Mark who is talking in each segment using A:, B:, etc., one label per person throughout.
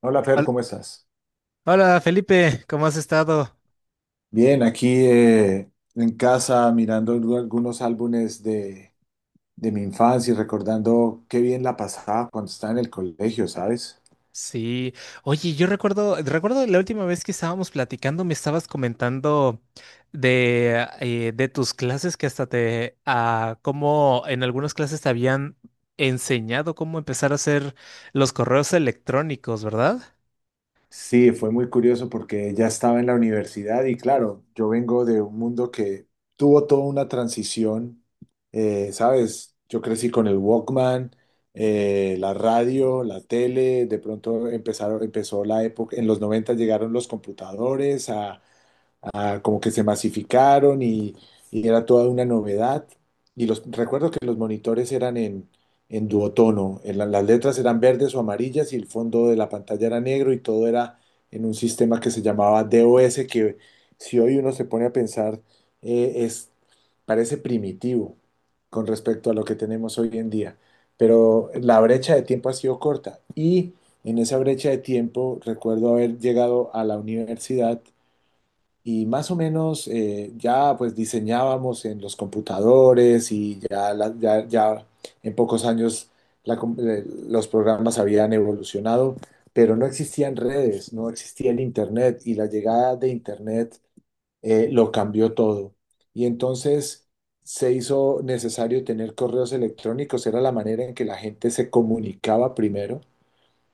A: Hola Fer,
B: Hol-
A: ¿cómo estás?
B: Hola Felipe, ¿cómo has estado?
A: Bien, aquí en casa mirando algunos álbumes de mi infancia y recordando qué bien la pasaba cuando estaba en el colegio, ¿sabes?
B: Sí, oye, yo recuerdo, la última vez que estábamos platicando, me estabas comentando de tus clases que hasta te, cómo en algunas clases te habían enseñado cómo empezar a hacer los correos electrónicos, ¿verdad?
A: Sí, fue muy curioso porque ya estaba en la universidad y claro, yo vengo de un mundo que tuvo toda una transición, ¿sabes? Yo crecí con el Walkman, la radio, la tele, de pronto empezó la época, en los 90 llegaron los computadores a como que se masificaron y era toda una novedad. Y recuerdo que los monitores eran en duotono, en las letras eran verdes o amarillas y el fondo de la pantalla era negro y todo era en un sistema que se llamaba DOS, que si hoy uno se pone a pensar, eh, es, parece primitivo con respecto a lo que tenemos hoy en día. Pero la brecha de tiempo ha sido corta y en esa brecha de tiempo recuerdo haber llegado a la universidad y más o menos ya pues diseñábamos en los computadores y ya, ya en pocos años los programas habían evolucionado, pero no existían redes, no existía el Internet y la llegada de Internet lo cambió todo. Y entonces se hizo necesario tener correos electrónicos, era la manera en que la gente se comunicaba primero.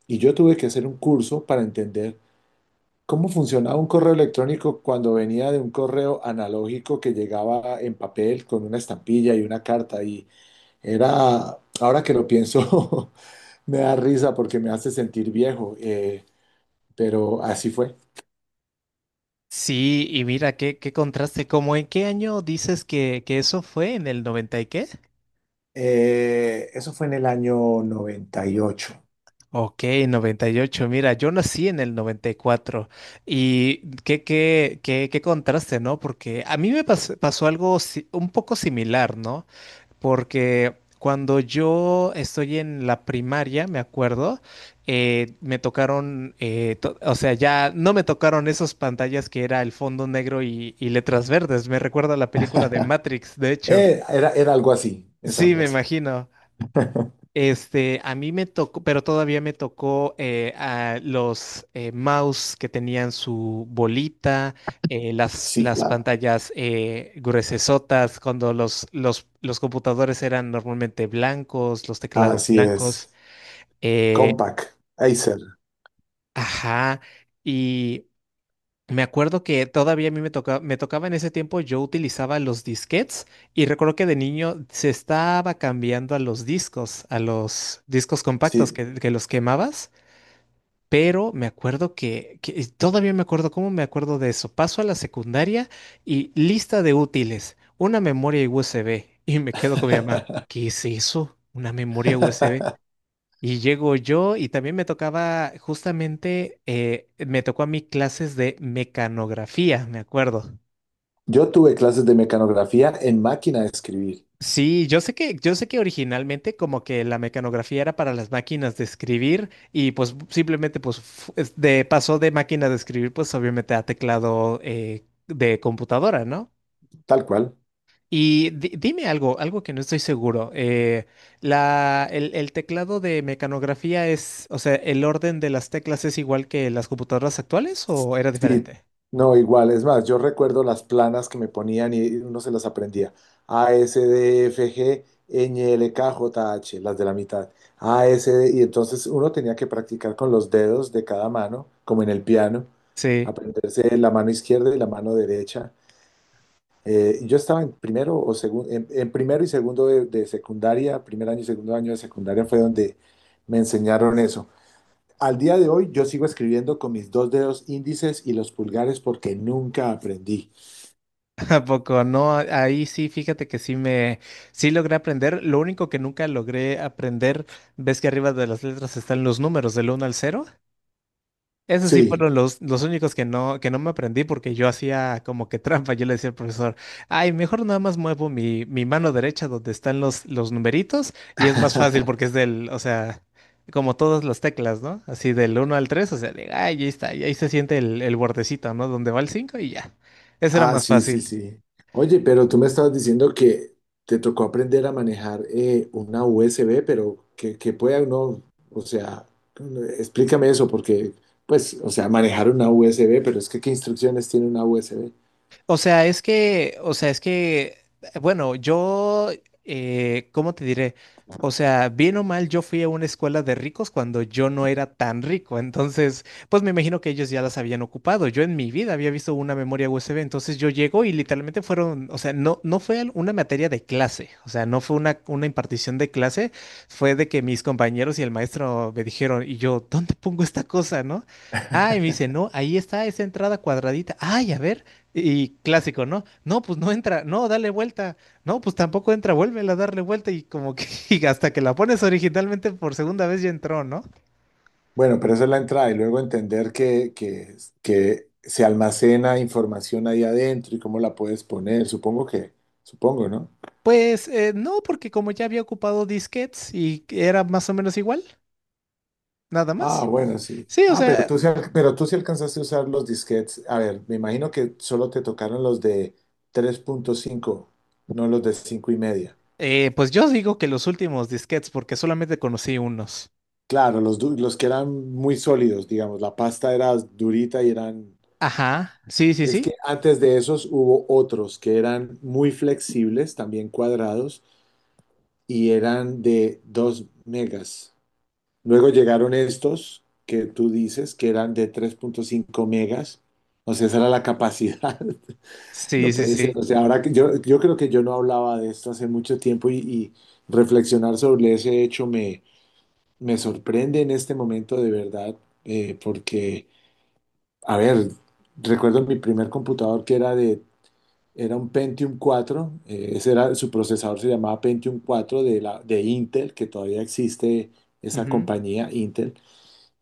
A: Y yo tuve que hacer un curso para entender ¿cómo funcionaba un correo electrónico cuando venía de un correo analógico que llegaba en papel con una estampilla y una carta? Y era, ahora que lo pienso, me da risa porque me hace sentir viejo, pero así fue.
B: Sí, y mira, qué contraste, ¿cómo en qué año dices que eso fue? ¿En el 90 y qué?
A: Eso fue en el año 98.
B: Ok, 98. Mira, yo nací en el 94 y cuatro y qué contraste, ¿no? Porque a mí pasó algo un poco similar, ¿no? Porque cuando yo estoy en la primaria, me acuerdo, me tocaron, o sea, ya no me tocaron esas pantallas que era el fondo negro y letras verdes. Me recuerda a la película de Matrix, de hecho.
A: Era algo así, es
B: Sí,
A: algo
B: me
A: así.
B: imagino. Este, a mí me tocó, pero todavía me tocó a los mouse que tenían su bolita, eh,
A: Sí,
B: las
A: claro.
B: pantallas gruesesotas, cuando los computadores eran normalmente blancos, los teclados
A: Así es.
B: blancos. Eh,
A: Compaq, Acer,
B: ajá. Y me acuerdo que todavía a mí me tocaba en ese tiempo, yo utilizaba los disquetes y recuerdo que de niño se estaba cambiando a los discos compactos
A: sí.
B: que los quemabas. Pero me acuerdo y todavía me acuerdo cómo me acuerdo de eso. Paso a la secundaria y lista de útiles, una memoria USB. Y me quedo con mi mamá. ¿Qué es eso? Una memoria USB. Y llego yo y también me tocaba, justamente, me tocó a mí clases de mecanografía, me acuerdo.
A: Yo tuve clases de mecanografía en máquina de escribir.
B: Sí, yo sé que originalmente como que la mecanografía era para las máquinas de escribir y pues simplemente pues pasó de máquina de escribir pues obviamente a teclado de computadora, ¿no?
A: Tal cual.
B: Y dime algo, algo que no estoy seguro. El el teclado de mecanografía es, o sea, ¿el orden de las teclas es igual que las computadoras actuales o era
A: Sí,
B: diferente?
A: no, igual. Es más, yo recuerdo las planas que me ponían y uno se las aprendía. A, S, D, F, G, Ñ, L, K, J, H, las de la mitad. A, S, D, y entonces uno tenía que practicar con los dedos de cada mano, como en el piano,
B: Sí.
A: aprenderse la mano izquierda y la mano derecha. Yo estaba en primero o segundo, en primero y segundo de secundaria, primer año y segundo año de secundaria fue donde me enseñaron eso. Al día de hoy yo sigo escribiendo con mis dos dedos índices y los pulgares porque nunca aprendí.
B: ¿A poco? No, ahí sí, fíjate que sí logré aprender. Lo único que nunca logré aprender, ves que arriba de las letras están los números del uno al cero. Esos sí
A: Sí,
B: fueron los únicos que no me aprendí porque yo hacía como que trampa. Yo le decía al profesor, ay, mejor nada más muevo mi mano derecha donde están los numeritos y es más fácil porque es del, o sea, como todas las teclas, ¿no? Así del uno al tres, o sea, de, ay, ahí está, y ahí se siente el bordecito, ¿no? Donde va el 5 y ya. Eso era
A: ah,
B: más
A: sí, sí,
B: fácil.
A: sí. Oye, pero tú me estabas diciendo que te tocó aprender a manejar una USB, pero que pueda uno, o sea, explícame eso porque, pues, o sea, manejar una USB, pero es que ¿qué instrucciones tiene una USB?
B: O sea, es que, o sea, es que, bueno, yo, ¿cómo te diré? O sea, bien o mal, yo fui a una escuela de ricos cuando yo no era tan rico. Entonces, pues me imagino que ellos ya las habían ocupado. Yo en mi vida había visto una memoria USB. Entonces yo llego y literalmente fueron, o sea, no fue una materia de clase. O sea, no fue una impartición de clase. Fue de que mis compañeros y el maestro me dijeron, y yo, ¿dónde pongo esta cosa, no? Ah, y me dice, no, ahí está esa entrada cuadradita. Ay, a ver. Y clásico, ¿no? No, pues no entra, no, dale vuelta, no, pues tampoco entra, vuélvela a darle vuelta y como que y hasta que la pones originalmente por segunda vez ya entró, ¿no?
A: Bueno, pero esa es la entrada y luego entender que se almacena información ahí adentro y cómo la puedes poner, supongo que, supongo.
B: Pues no, porque como ya había ocupado disquetes y era más o menos igual, nada
A: Ah,
B: más.
A: bueno, sí.
B: Sí, o
A: Ah, pero
B: sea,
A: tú sí, pero tú sí alcanzaste a usar los disquetes. A ver, me imagino que solo te tocaron los de 3.5, no los de cinco y media.
B: pues yo digo que los últimos disquetes porque solamente conocí unos.
A: Claro, los que eran muy sólidos, digamos, la pasta era durita y eran...
B: Ajá, sí, sí,
A: Es que
B: sí,
A: antes de esos hubo otros que eran muy flexibles, también cuadrados, y eran de 2 megas. Luego llegaron estos que tú dices que eran de 3.5 megas. O sea, esa era la capacidad.
B: sí,
A: No
B: sí,
A: puede ser,
B: sí.
A: o sea, ahora yo creo que yo no hablaba de esto hace mucho tiempo y reflexionar sobre ese hecho me sorprende en este momento de verdad, porque, a ver, recuerdo mi primer computador que era era un Pentium cuatro ese era, su procesador se llamaba Pentium cuatro de de Intel, que todavía existe esa
B: Ujú.
A: compañía Intel,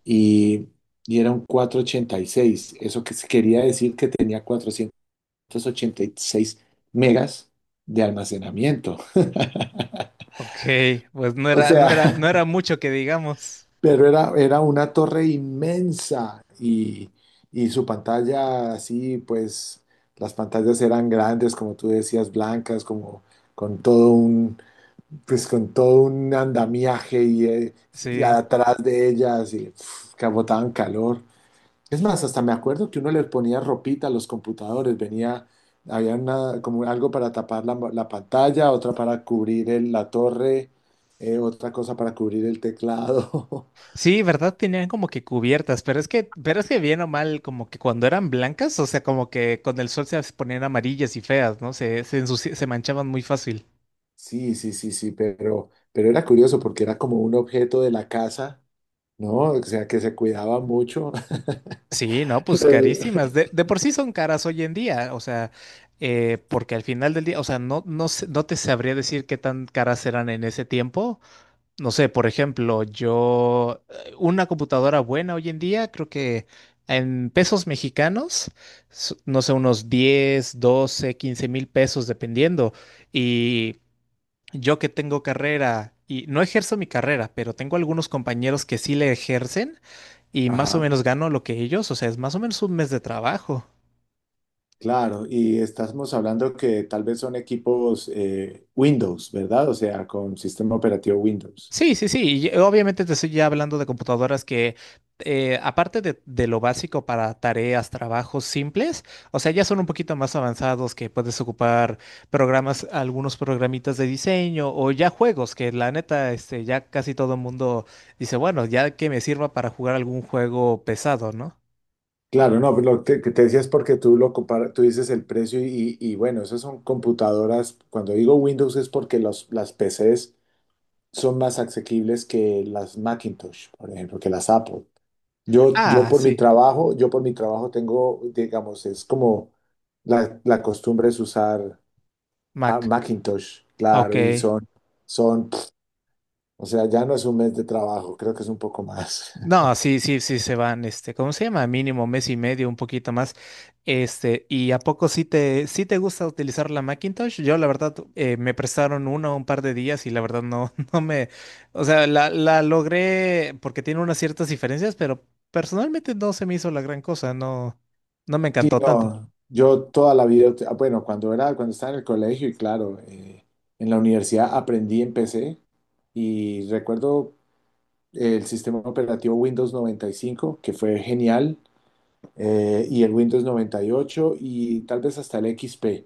A: y, y era un 486 eso que quería decir que tenía 486 megas de almacenamiento.
B: Ok, pues no
A: O
B: era, no era,
A: sea,
B: no era mucho que digamos.
A: pero era una torre inmensa y su pantalla así, pues las pantallas eran grandes, como tú decías, blancas, como con todo pues con todo un andamiaje y
B: Sí.
A: atrás de ellas y uf, que botaban calor. Es más, hasta me acuerdo que uno le ponía ropita a los computadores, venía, había una, como algo para tapar la pantalla, otra para cubrir la torre, otra cosa para cubrir el teclado.
B: Sí, ¿verdad? Tenían como que cubiertas, pero es que bien o mal, como que cuando eran blancas, o sea, como que con el sol se ponían amarillas y feas, ¿no? Se manchaban muy fácil.
A: Sí, sí, sí, sí, pero era curioso porque era como un objeto de la casa, ¿no? O sea, que se cuidaba mucho.
B: Sí, no, pues carísimas. De por sí son caras hoy en día, o sea, porque al final del día, o sea, no te sabría decir qué tan caras eran en ese tiempo. No sé, por ejemplo, yo, una computadora buena hoy en día, creo que en pesos mexicanos, no sé, unos 10, 12, 15,000 pesos dependiendo. Y yo que tengo carrera y no ejerzo mi carrera, pero tengo algunos compañeros que sí le ejercen y más o
A: Ajá,
B: menos gano lo que ellos, o sea, es más o menos un mes de trabajo.
A: claro, y estamos hablando que tal vez son equipos Windows, ¿verdad? O sea, con sistema operativo Windows.
B: Sí, sí, sí. Y obviamente te estoy ya hablando de computadoras que, aparte de lo básico para tareas, trabajos simples, o sea, ya son un poquito más avanzados que puedes ocupar programas, algunos programitas de diseño o ya juegos que la neta, este, ya casi todo el mundo dice, bueno, ya que me sirva para jugar algún juego pesado, ¿no?
A: Claro, no, pero lo que te decía es porque tú lo comparas, tú dices el precio y bueno, esas son computadoras. Cuando digo Windows es porque las PCs son más asequibles que las Macintosh, por ejemplo, que las Apple.
B: Ah, sí,
A: Yo por mi trabajo tengo, digamos, es como la costumbre es usar a
B: Mac.
A: Macintosh,
B: Ok.
A: claro, pf, o sea, ya no es un mes de trabajo, creo que es un poco más.
B: No, sí, sí, sí se van, este, ¿cómo se llama? Mínimo mes y medio, un poquito más. Este, ¿y a poco sí sí te gusta utilizar la Macintosh? Yo, la verdad, me prestaron una o un par de días y la verdad no, no me, o sea, la logré porque tiene unas ciertas diferencias, pero personalmente no se me hizo la gran cosa, no me
A: Sí,
B: encantó tanto.
A: no, yo toda la vida, bueno, cuando era, cuando estaba en el colegio y claro, en la universidad aprendí en PC y recuerdo el sistema operativo Windows 95 que fue genial, y el Windows 98 y ocho y tal vez hasta el XP,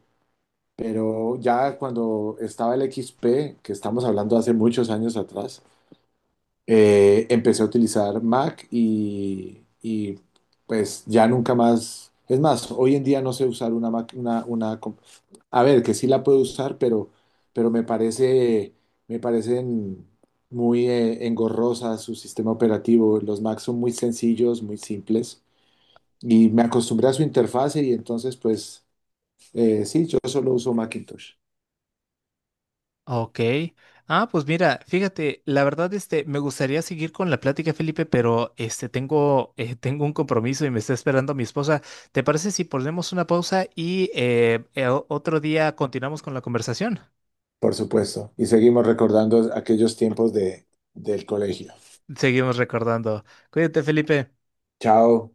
A: pero ya cuando estaba el XP, que estamos hablando hace muchos años atrás, empecé a utilizar Mac pues ya nunca más. Es más, hoy en día no sé usar una Mac, una a ver, que sí la puedo usar, pero me parece, me parecen muy engorrosas su sistema operativo. Los Macs son muy sencillos, muy simples y me acostumbré a su interfase y entonces pues sí, yo solo uso Macintosh,
B: Ok. Ah, pues mira, fíjate, la verdad, este, me gustaría seguir con la plática, Felipe, pero este, tengo, tengo un compromiso y me está esperando mi esposa. ¿Te parece si ponemos una pausa y otro día continuamos con la conversación?
A: por supuesto. Y seguimos recordando aquellos tiempos de, del colegio.
B: Seguimos recordando. Cuídate, Felipe.
A: Chao.